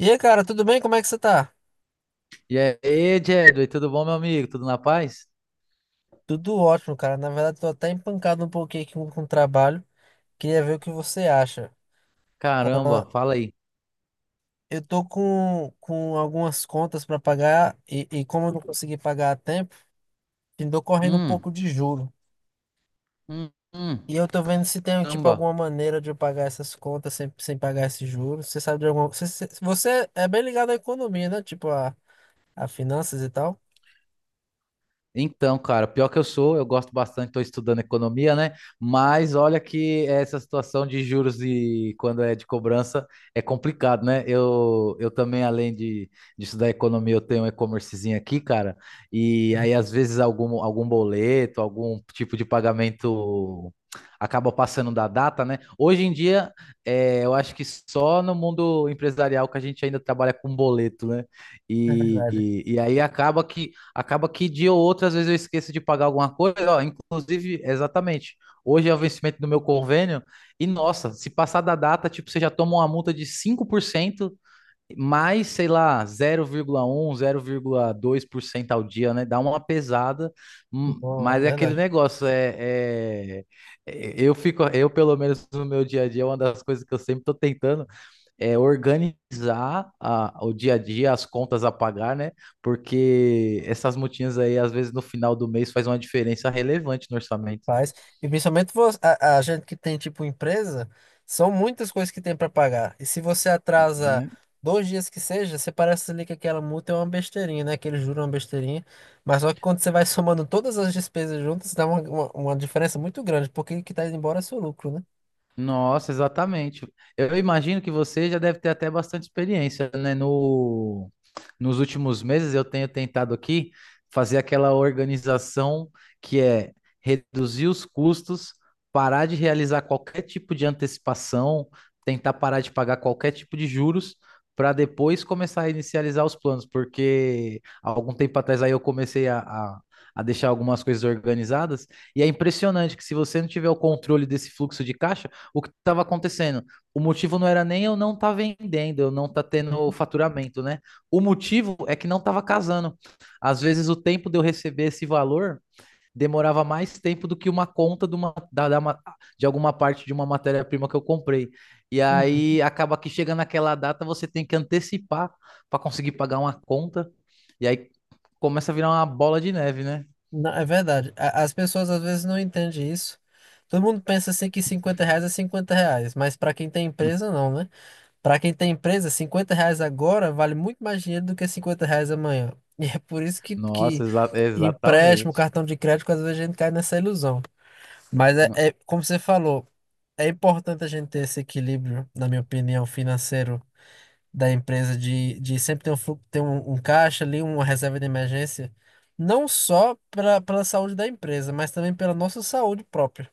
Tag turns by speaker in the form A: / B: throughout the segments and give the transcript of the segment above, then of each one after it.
A: E aí, cara, tudo bem? Como é que você tá?
B: E aí, Jedway, tudo bom, meu amigo? Tudo na paz?
A: Tudo ótimo, cara. Na verdade, tô até empancado um pouquinho aqui com o trabalho. Queria ver o que você acha. Ah,
B: Caramba, fala aí.
A: eu tô com algumas contas pra pagar e como eu não consegui pagar a tempo, tô correndo um pouco
B: Hum,
A: de juro.
B: hum, hum,
A: E eu tô vendo se tem, tipo,
B: caramba.
A: alguma maneira de eu pagar essas contas sem pagar esse juro. Você sabe de alguma. Você é bem ligado à economia, né? Tipo, A finanças e tal?
B: Então, cara, pior que eu sou, eu gosto bastante, estou estudando economia, né? Mas olha que essa situação de juros e quando é de cobrança é complicado, né? Eu também, além de estudar economia, eu tenho um e-commercezinho aqui, cara, e aí às vezes algum boleto, algum tipo de pagamento acaba passando da data, né? Hoje em dia, eu acho que só no mundo empresarial que a gente ainda trabalha com boleto, né?
A: É
B: E,
A: verdade.
B: e, e aí acaba que dia ou outra, às vezes eu esqueço de pagar alguma coisa, ó, inclusive, exatamente. Hoje é o vencimento do meu convênio, e nossa, se passar da data, tipo, você já toma uma multa de 5% mais, sei lá, zero vírgula um zero vírgula dois por cento ao dia, né? Dá uma pesada,
A: Bom, é
B: mas é aquele
A: verdade.
B: negócio, eu pelo menos no meu dia a dia, é uma das coisas que eu sempre tô tentando organizar o dia a dia, as contas a pagar, né? Porque essas multinhas aí, às vezes, no final do mês, faz uma diferença relevante no orçamento.
A: Faz. E principalmente a gente que tem tipo empresa, são muitas coisas que tem para pagar. E se você atrasa
B: Né?
A: dois dias que seja, você parece ali que aquela multa é uma besteirinha, né? Que eles juram uma besteirinha. Mas só que quando você vai somando todas as despesas juntas, dá uma diferença muito grande, porque o que tá indo embora é seu lucro, né?
B: Nossa, exatamente. Eu imagino que você já deve ter até bastante experiência, né? No, nos últimos meses eu tenho tentado aqui fazer aquela organização que é reduzir os custos, parar de realizar qualquer tipo de antecipação, tentar parar de pagar qualquer tipo de juros, para depois começar a inicializar os planos, porque há algum tempo atrás aí eu comecei a deixar algumas coisas organizadas, e é impressionante que se você não tiver o controle desse fluxo de caixa, o que estava acontecendo. O motivo não era nem eu não tá vendendo, eu não tá tendo faturamento, né? O motivo é que não estava casando. Às vezes o tempo de eu receber esse valor demorava mais tempo do que uma conta de alguma parte de uma matéria-prima que eu comprei. E
A: Uhum.
B: aí acaba que chega naquela data, você tem que antecipar para conseguir pagar uma conta. E aí começa a virar uma bola de neve, né?
A: Não, é verdade. As pessoas às vezes não entendem isso. Todo mundo pensa assim que 50 reais é 50 reais, mas para quem tem empresa, não, né? Para quem tem empresa, 50 reais agora vale muito mais dinheiro do que 50 reais amanhã. E é por isso que
B: Nossa, exa
A: empréstimo,
B: exatamente.
A: cartão de crédito, às vezes a gente cai nessa ilusão. Mas é,
B: No-
A: é como você falou, é importante a gente ter esse equilíbrio, na minha opinião, financeiro da empresa, de sempre ter um caixa ali, uma reserva de emergência, não só pela saúde da empresa, mas também pela nossa saúde própria.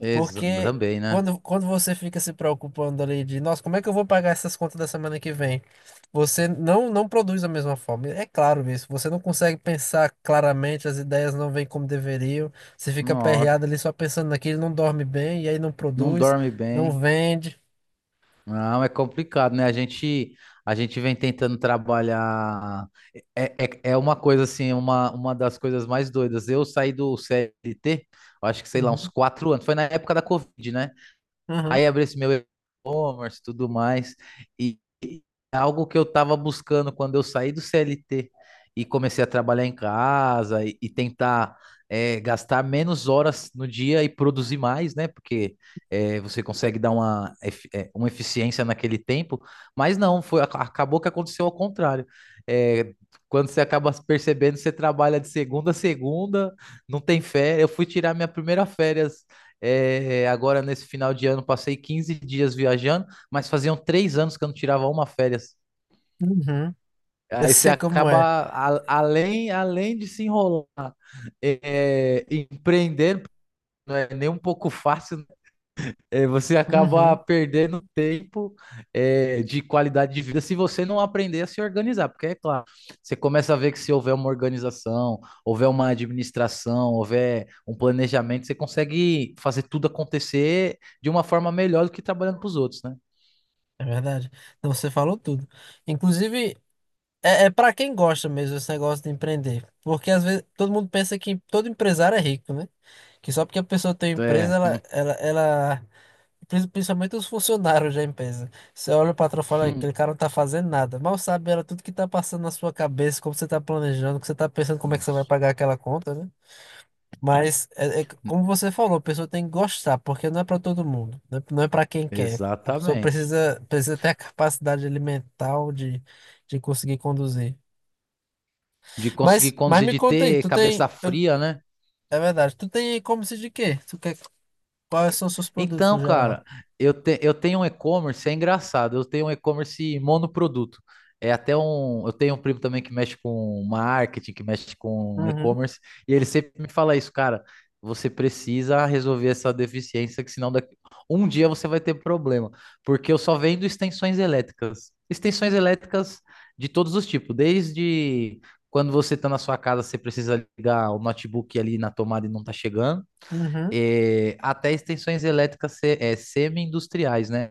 A: Porque
B: Também, né?
A: quando você fica se preocupando ali de, nossa, como é que eu vou pagar essas contas da semana que vem? Você não produz da mesma forma. É claro isso. Você não consegue pensar claramente, as ideias não vêm como deveriam. Você fica
B: Nossa.
A: aperreado ali só pensando naquilo, não dorme bem, e aí não
B: Não
A: produz,
B: dorme
A: não
B: bem.
A: vende.
B: Não, é complicado, né? A gente vem tentando trabalhar. É uma coisa assim, uma das coisas mais doidas. Eu saí do CLT, eu acho que sei lá, uns
A: Uhum,
B: 4 anos. Foi na época da Covid, né?
A: uhum,
B: Aí abri esse meu e-commerce e tudo mais. E e é algo que eu estava buscando quando eu saí do CLT e comecei a trabalhar em casa e tentar gastar menos horas no dia e produzir mais, né? Porque você consegue dar uma eficiência naquele tempo, mas não, foi, acabou que aconteceu ao contrário. É, quando você acaba percebendo, você trabalha de segunda a segunda, não tem férias. Eu fui tirar minha primeira férias agora, nesse final de ano, passei 15 dias viajando, mas faziam 3 anos que eu não tirava uma férias.
A: uhum. Eu
B: Aí você
A: sei como
B: acaba,
A: é.
B: além de se enrolar, empreender não é nem um pouco fácil. É, você acaba
A: Uhum,
B: perdendo tempo, de qualidade de vida se você não aprender a se organizar, porque é claro, você começa a ver que se houver uma organização, houver uma administração, houver um planejamento, você consegue fazer tudo acontecer de uma forma melhor do que trabalhando para os outros, né?
A: é verdade. Não, você falou tudo. Inclusive, é para quem gosta mesmo esse negócio de empreender. Porque às vezes todo mundo pensa que todo empresário é rico, né? Que só porque a pessoa tem
B: Então,
A: empresa,
B: é.
A: ela. Principalmente os funcionários da empresa. Você olha o patrão e fala, "Ah, aquele cara não tá fazendo nada." Mal sabe ela tudo que tá passando na sua cabeça, como você tá planejando, que você tá pensando como é que você vai pagar aquela conta, né? Mas, como você falou, a pessoa tem que gostar, porque não é para todo mundo. Não é para quem quer. A pessoa
B: Exatamente.
A: precisa ter a capacidade ali mental de conseguir conduzir.
B: De conseguir
A: Mas
B: conduzir,
A: me
B: de
A: conta aí,
B: ter
A: tu
B: cabeça
A: tem. eu-
B: fria, né?
A: é verdade, tu tem e-commerce de quê? Quais são os seus produtos no
B: Então,
A: geral?
B: cara, eu tenho um e-commerce, é engraçado, eu tenho um e-commerce monoproduto. É até um. Eu tenho um primo também que mexe com marketing, que mexe com
A: Uhum,
B: e-commerce, e ele sempre me fala isso, cara. Você precisa resolver essa deficiência, que senão daqui, um dia você vai ter problema. Porque eu só vendo extensões elétricas. Extensões elétricas de todos os tipos, desde quando você está na sua casa, você precisa ligar o notebook ali na tomada e não está chegando
A: uhum,
B: até extensões elétricas semi-industriais, né?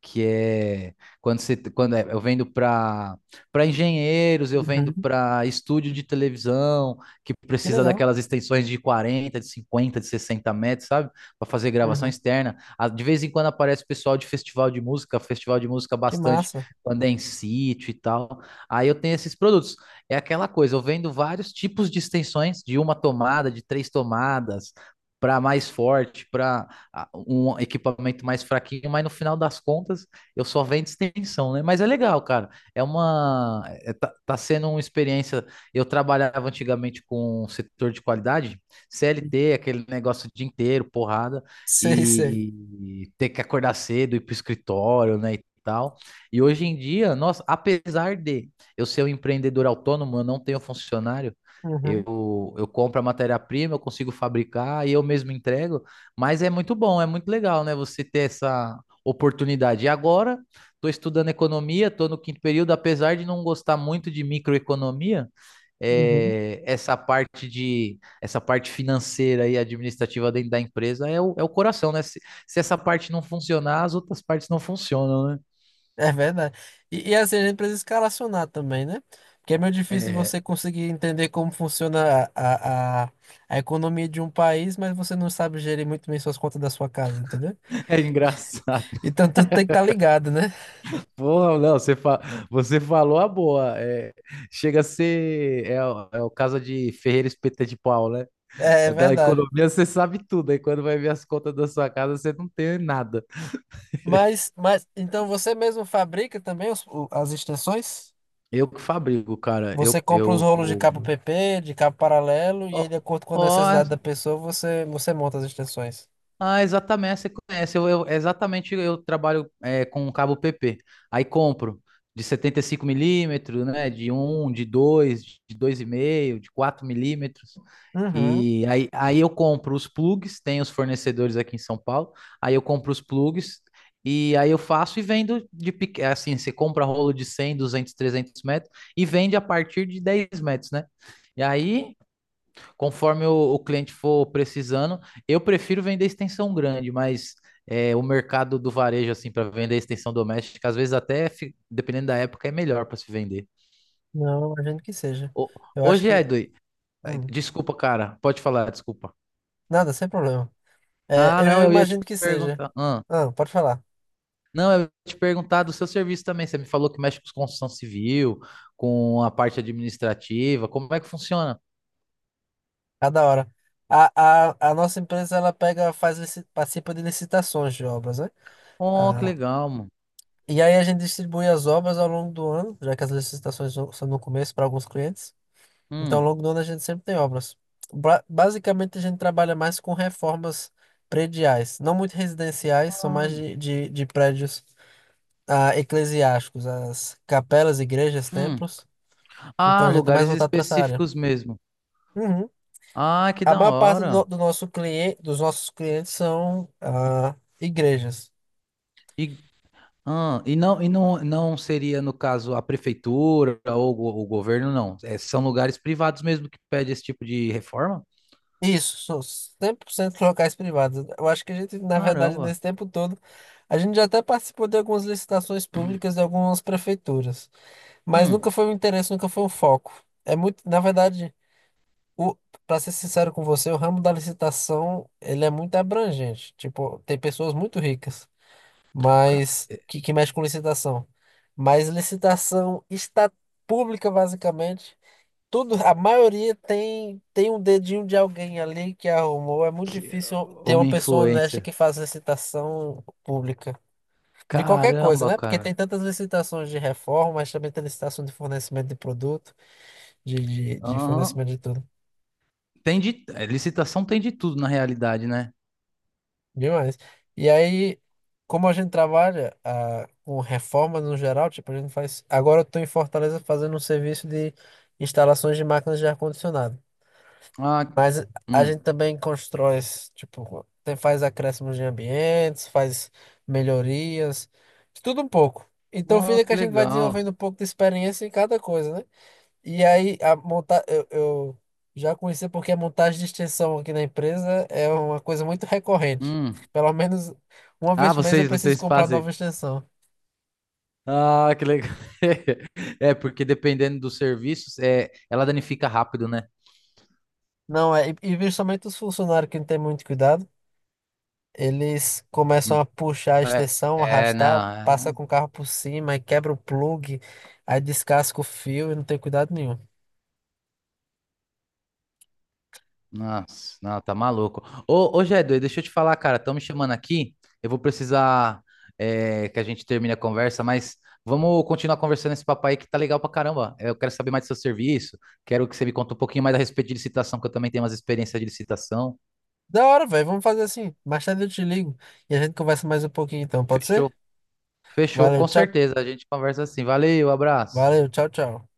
B: Que é quando você quando é, eu vendo para engenheiros, eu vendo
A: uhum.
B: para estúdio de televisão, que
A: Que
B: precisa
A: legal.
B: daquelas extensões de 40, de 50, de 60 metros, sabe? Para fazer gravação
A: Uhum.
B: externa. Ah, de vez em quando aparece pessoal de festival de música
A: Que
B: bastante,
A: massa.
B: quando é em sítio e tal. Aí eu tenho esses produtos. É aquela coisa, eu vendo vários tipos de extensões, de uma tomada, de três tomadas, para mais forte, para um equipamento mais fraquinho, mas no final das contas eu só vendo extensão, né? Mas é legal, cara. Tá sendo uma experiência. Eu trabalhava antigamente com o setor de qualidade, CLT, aquele negócio o dia inteiro, porrada,
A: Sei, sei.
B: e ter que acordar cedo ir pro escritório, né? E tal. E hoje em dia, nossa, apesar de eu ser um empreendedor autônomo, eu não tenho funcionário.
A: Uhum,
B: Eu compro a matéria-prima, eu consigo fabricar e eu mesmo entrego, mas é muito bom, é muito legal, né? Você ter essa oportunidade. E agora, estou estudando economia, estou no quinto período, apesar de não gostar muito de microeconomia,
A: uhum.
B: essa parte financeira e administrativa dentro da empresa é o coração, né? Se essa parte não funcionar, as outras partes não funcionam, né?
A: É verdade. E assim, a gente precisa escalacionar também, né? Porque é meio difícil
B: É,
A: você conseguir entender como funciona a economia de um país, mas você não sabe gerir muito bem suas contas da sua casa, entendeu?
B: é engraçado.
A: Então, tu tem que estar ligado, né?
B: Porra, não, você falou a boa. É, chega a ser. É, o é o caso de Ferreira Espeta de Pau, né?
A: É
B: Da
A: verdade.
B: economia você sabe tudo. Aí quando vai ver as contas da sua casa, você não tem nada.
A: Mas então você mesmo fabrica também as extensões?
B: Eu que fabrico, cara.
A: Você
B: Eu.
A: compra os
B: eu...
A: rolos de cabo PP, de cabo paralelo, e aí,
B: Ó,
A: de acordo com a
B: ó,
A: necessidade da pessoa, você monta as extensões.
B: ah, exatamente, você conhece. Exatamente, eu trabalho com um cabo PP. Aí compro de 75 milímetros, né? De um, de dois e meio, de 4 milímetros.
A: Uhum.
B: E aí, eu compro os plugs, tem os fornecedores aqui em São Paulo. Aí eu compro os plugs e aí eu faço e vendo assim, você compra rolo de 100, 200, 300 metros e vende a partir de 10 metros, né? E aí conforme o cliente for precisando, eu prefiro vender extensão grande, mas o mercado do varejo, assim, para vender extensão doméstica, às vezes até, dependendo da época, é melhor para se vender.
A: Não, eu imagino que seja.
B: Ô,
A: Eu acho
B: hoje,
A: que.
B: Edu,
A: Hum,
B: desculpa, cara, pode falar, desculpa.
A: nada, sem problema. É,
B: Ah,
A: eu
B: não,
A: eu
B: eu ia te
A: imagino que seja.
B: perguntar. Ah,
A: Não, pode falar.
B: não, eu ia te perguntar do seu serviço também. Você me falou que mexe com construção civil, com a parte administrativa. Como é que funciona?
A: Cada hora. A nossa empresa ela pega, faz, participa de licitações de obras, né?
B: Oh, que
A: Ah,
B: legal, mano.
A: e aí a gente distribui as obras ao longo do ano, já que as licitações são no começo para alguns clientes. Então, ao
B: Hum,
A: longo do ano a gente sempre tem obras. Basicamente, a gente trabalha mais com reformas prediais, não muito residenciais, são mais
B: hum.
A: de prédios eclesiásticos, as capelas, igrejas,
B: Hum.
A: templos. Então,
B: Ah,
A: a gente é mais
B: lugares
A: voltado para essa área.
B: específicos mesmo.
A: Uhum.
B: Ah, que
A: A
B: da
A: maior parte do, no-
B: hora.
A: do nosso cliente, dos nossos clientes são igrejas.
B: E, e não, não seria, no caso, a prefeitura ou o governo, não. É, são lugares privados mesmo que pedem esse tipo de reforma?
A: Isso, são 100% locais privados. Eu acho que a gente, na verdade,
B: Caramba.
A: nesse tempo todo, a gente já até participou de algumas licitações públicas de algumas prefeituras. Mas nunca
B: Hum,
A: foi um interesse, nunca foi um foco. É muito, na verdade, o, para ser sincero com você, o ramo da licitação, ele é muito abrangente. Tipo, tem pessoas muito ricas,
B: ca-
A: mas
B: é,
A: que mexe com licitação. Mas licitação está pública, basicamente. Tudo, a maioria tem um dedinho de alguém ali que arrumou. É muito
B: que,
A: difícil ter
B: uma
A: uma pessoa honesta
B: influência.
A: que faz licitação pública. De qualquer coisa,
B: Caramba,
A: né? Porque
B: cara.
A: tem tantas licitações de reforma, mas também tem licitação de fornecimento de produto de, de
B: Aham.
A: fornecimento de tudo.
B: Licitação tem de tudo na realidade, né?
A: Demais. E aí, como a gente trabalha com reforma no geral, tipo, a gente faz. Agora eu estou em Fortaleza fazendo um serviço de instalações de máquinas de ar-condicionado.
B: Ah,
A: Mas a gente
B: hum.
A: também constrói, tipo, faz acréscimos de ambientes, faz melhorias, de tudo um pouco. Então
B: Oh,
A: fica que a
B: que
A: gente vai
B: legal.
A: desenvolvendo um pouco de experiência em cada coisa, né? E aí, a monta eu já conheci porque a montagem de extensão aqui na empresa é uma coisa muito recorrente.
B: Hum.
A: Pelo menos uma
B: Ah,
A: vez por mês eu
B: vocês,
A: preciso
B: vocês
A: comprar
B: fazem.
A: nova extensão.
B: Ah, que legal. É, porque dependendo dos serviços, ela danifica rápido, né?
A: Não é, e justamente os funcionários que não têm muito cuidado, eles começam
B: Não.
A: a puxar a
B: É,
A: extensão,
B: é,
A: arrastar,
B: não.
A: passa
B: é-
A: com o carro por cima, aí quebra o plug, aí descasca o fio e não tem cuidado nenhum.
B: Nossa, não, tá maluco. Ô, ô, Jadu, deixa eu te falar, cara. Estão me chamando aqui. Eu vou precisar, que a gente termine a conversa, mas vamos continuar conversando esse papo aí que tá legal pra caramba. Eu quero saber mais do seu serviço. Quero que você me conte um pouquinho mais a respeito de licitação, que eu também tenho umas experiências de licitação.
A: Da hora, velho, vamos fazer assim. Mais tarde eu te ligo e a gente conversa mais um pouquinho então, pode ser?
B: Fechou, fechou,
A: Valeu,
B: com
A: tchau.
B: certeza. A gente conversa assim. Valeu, abraço.
A: Valeu, tchau, tchau.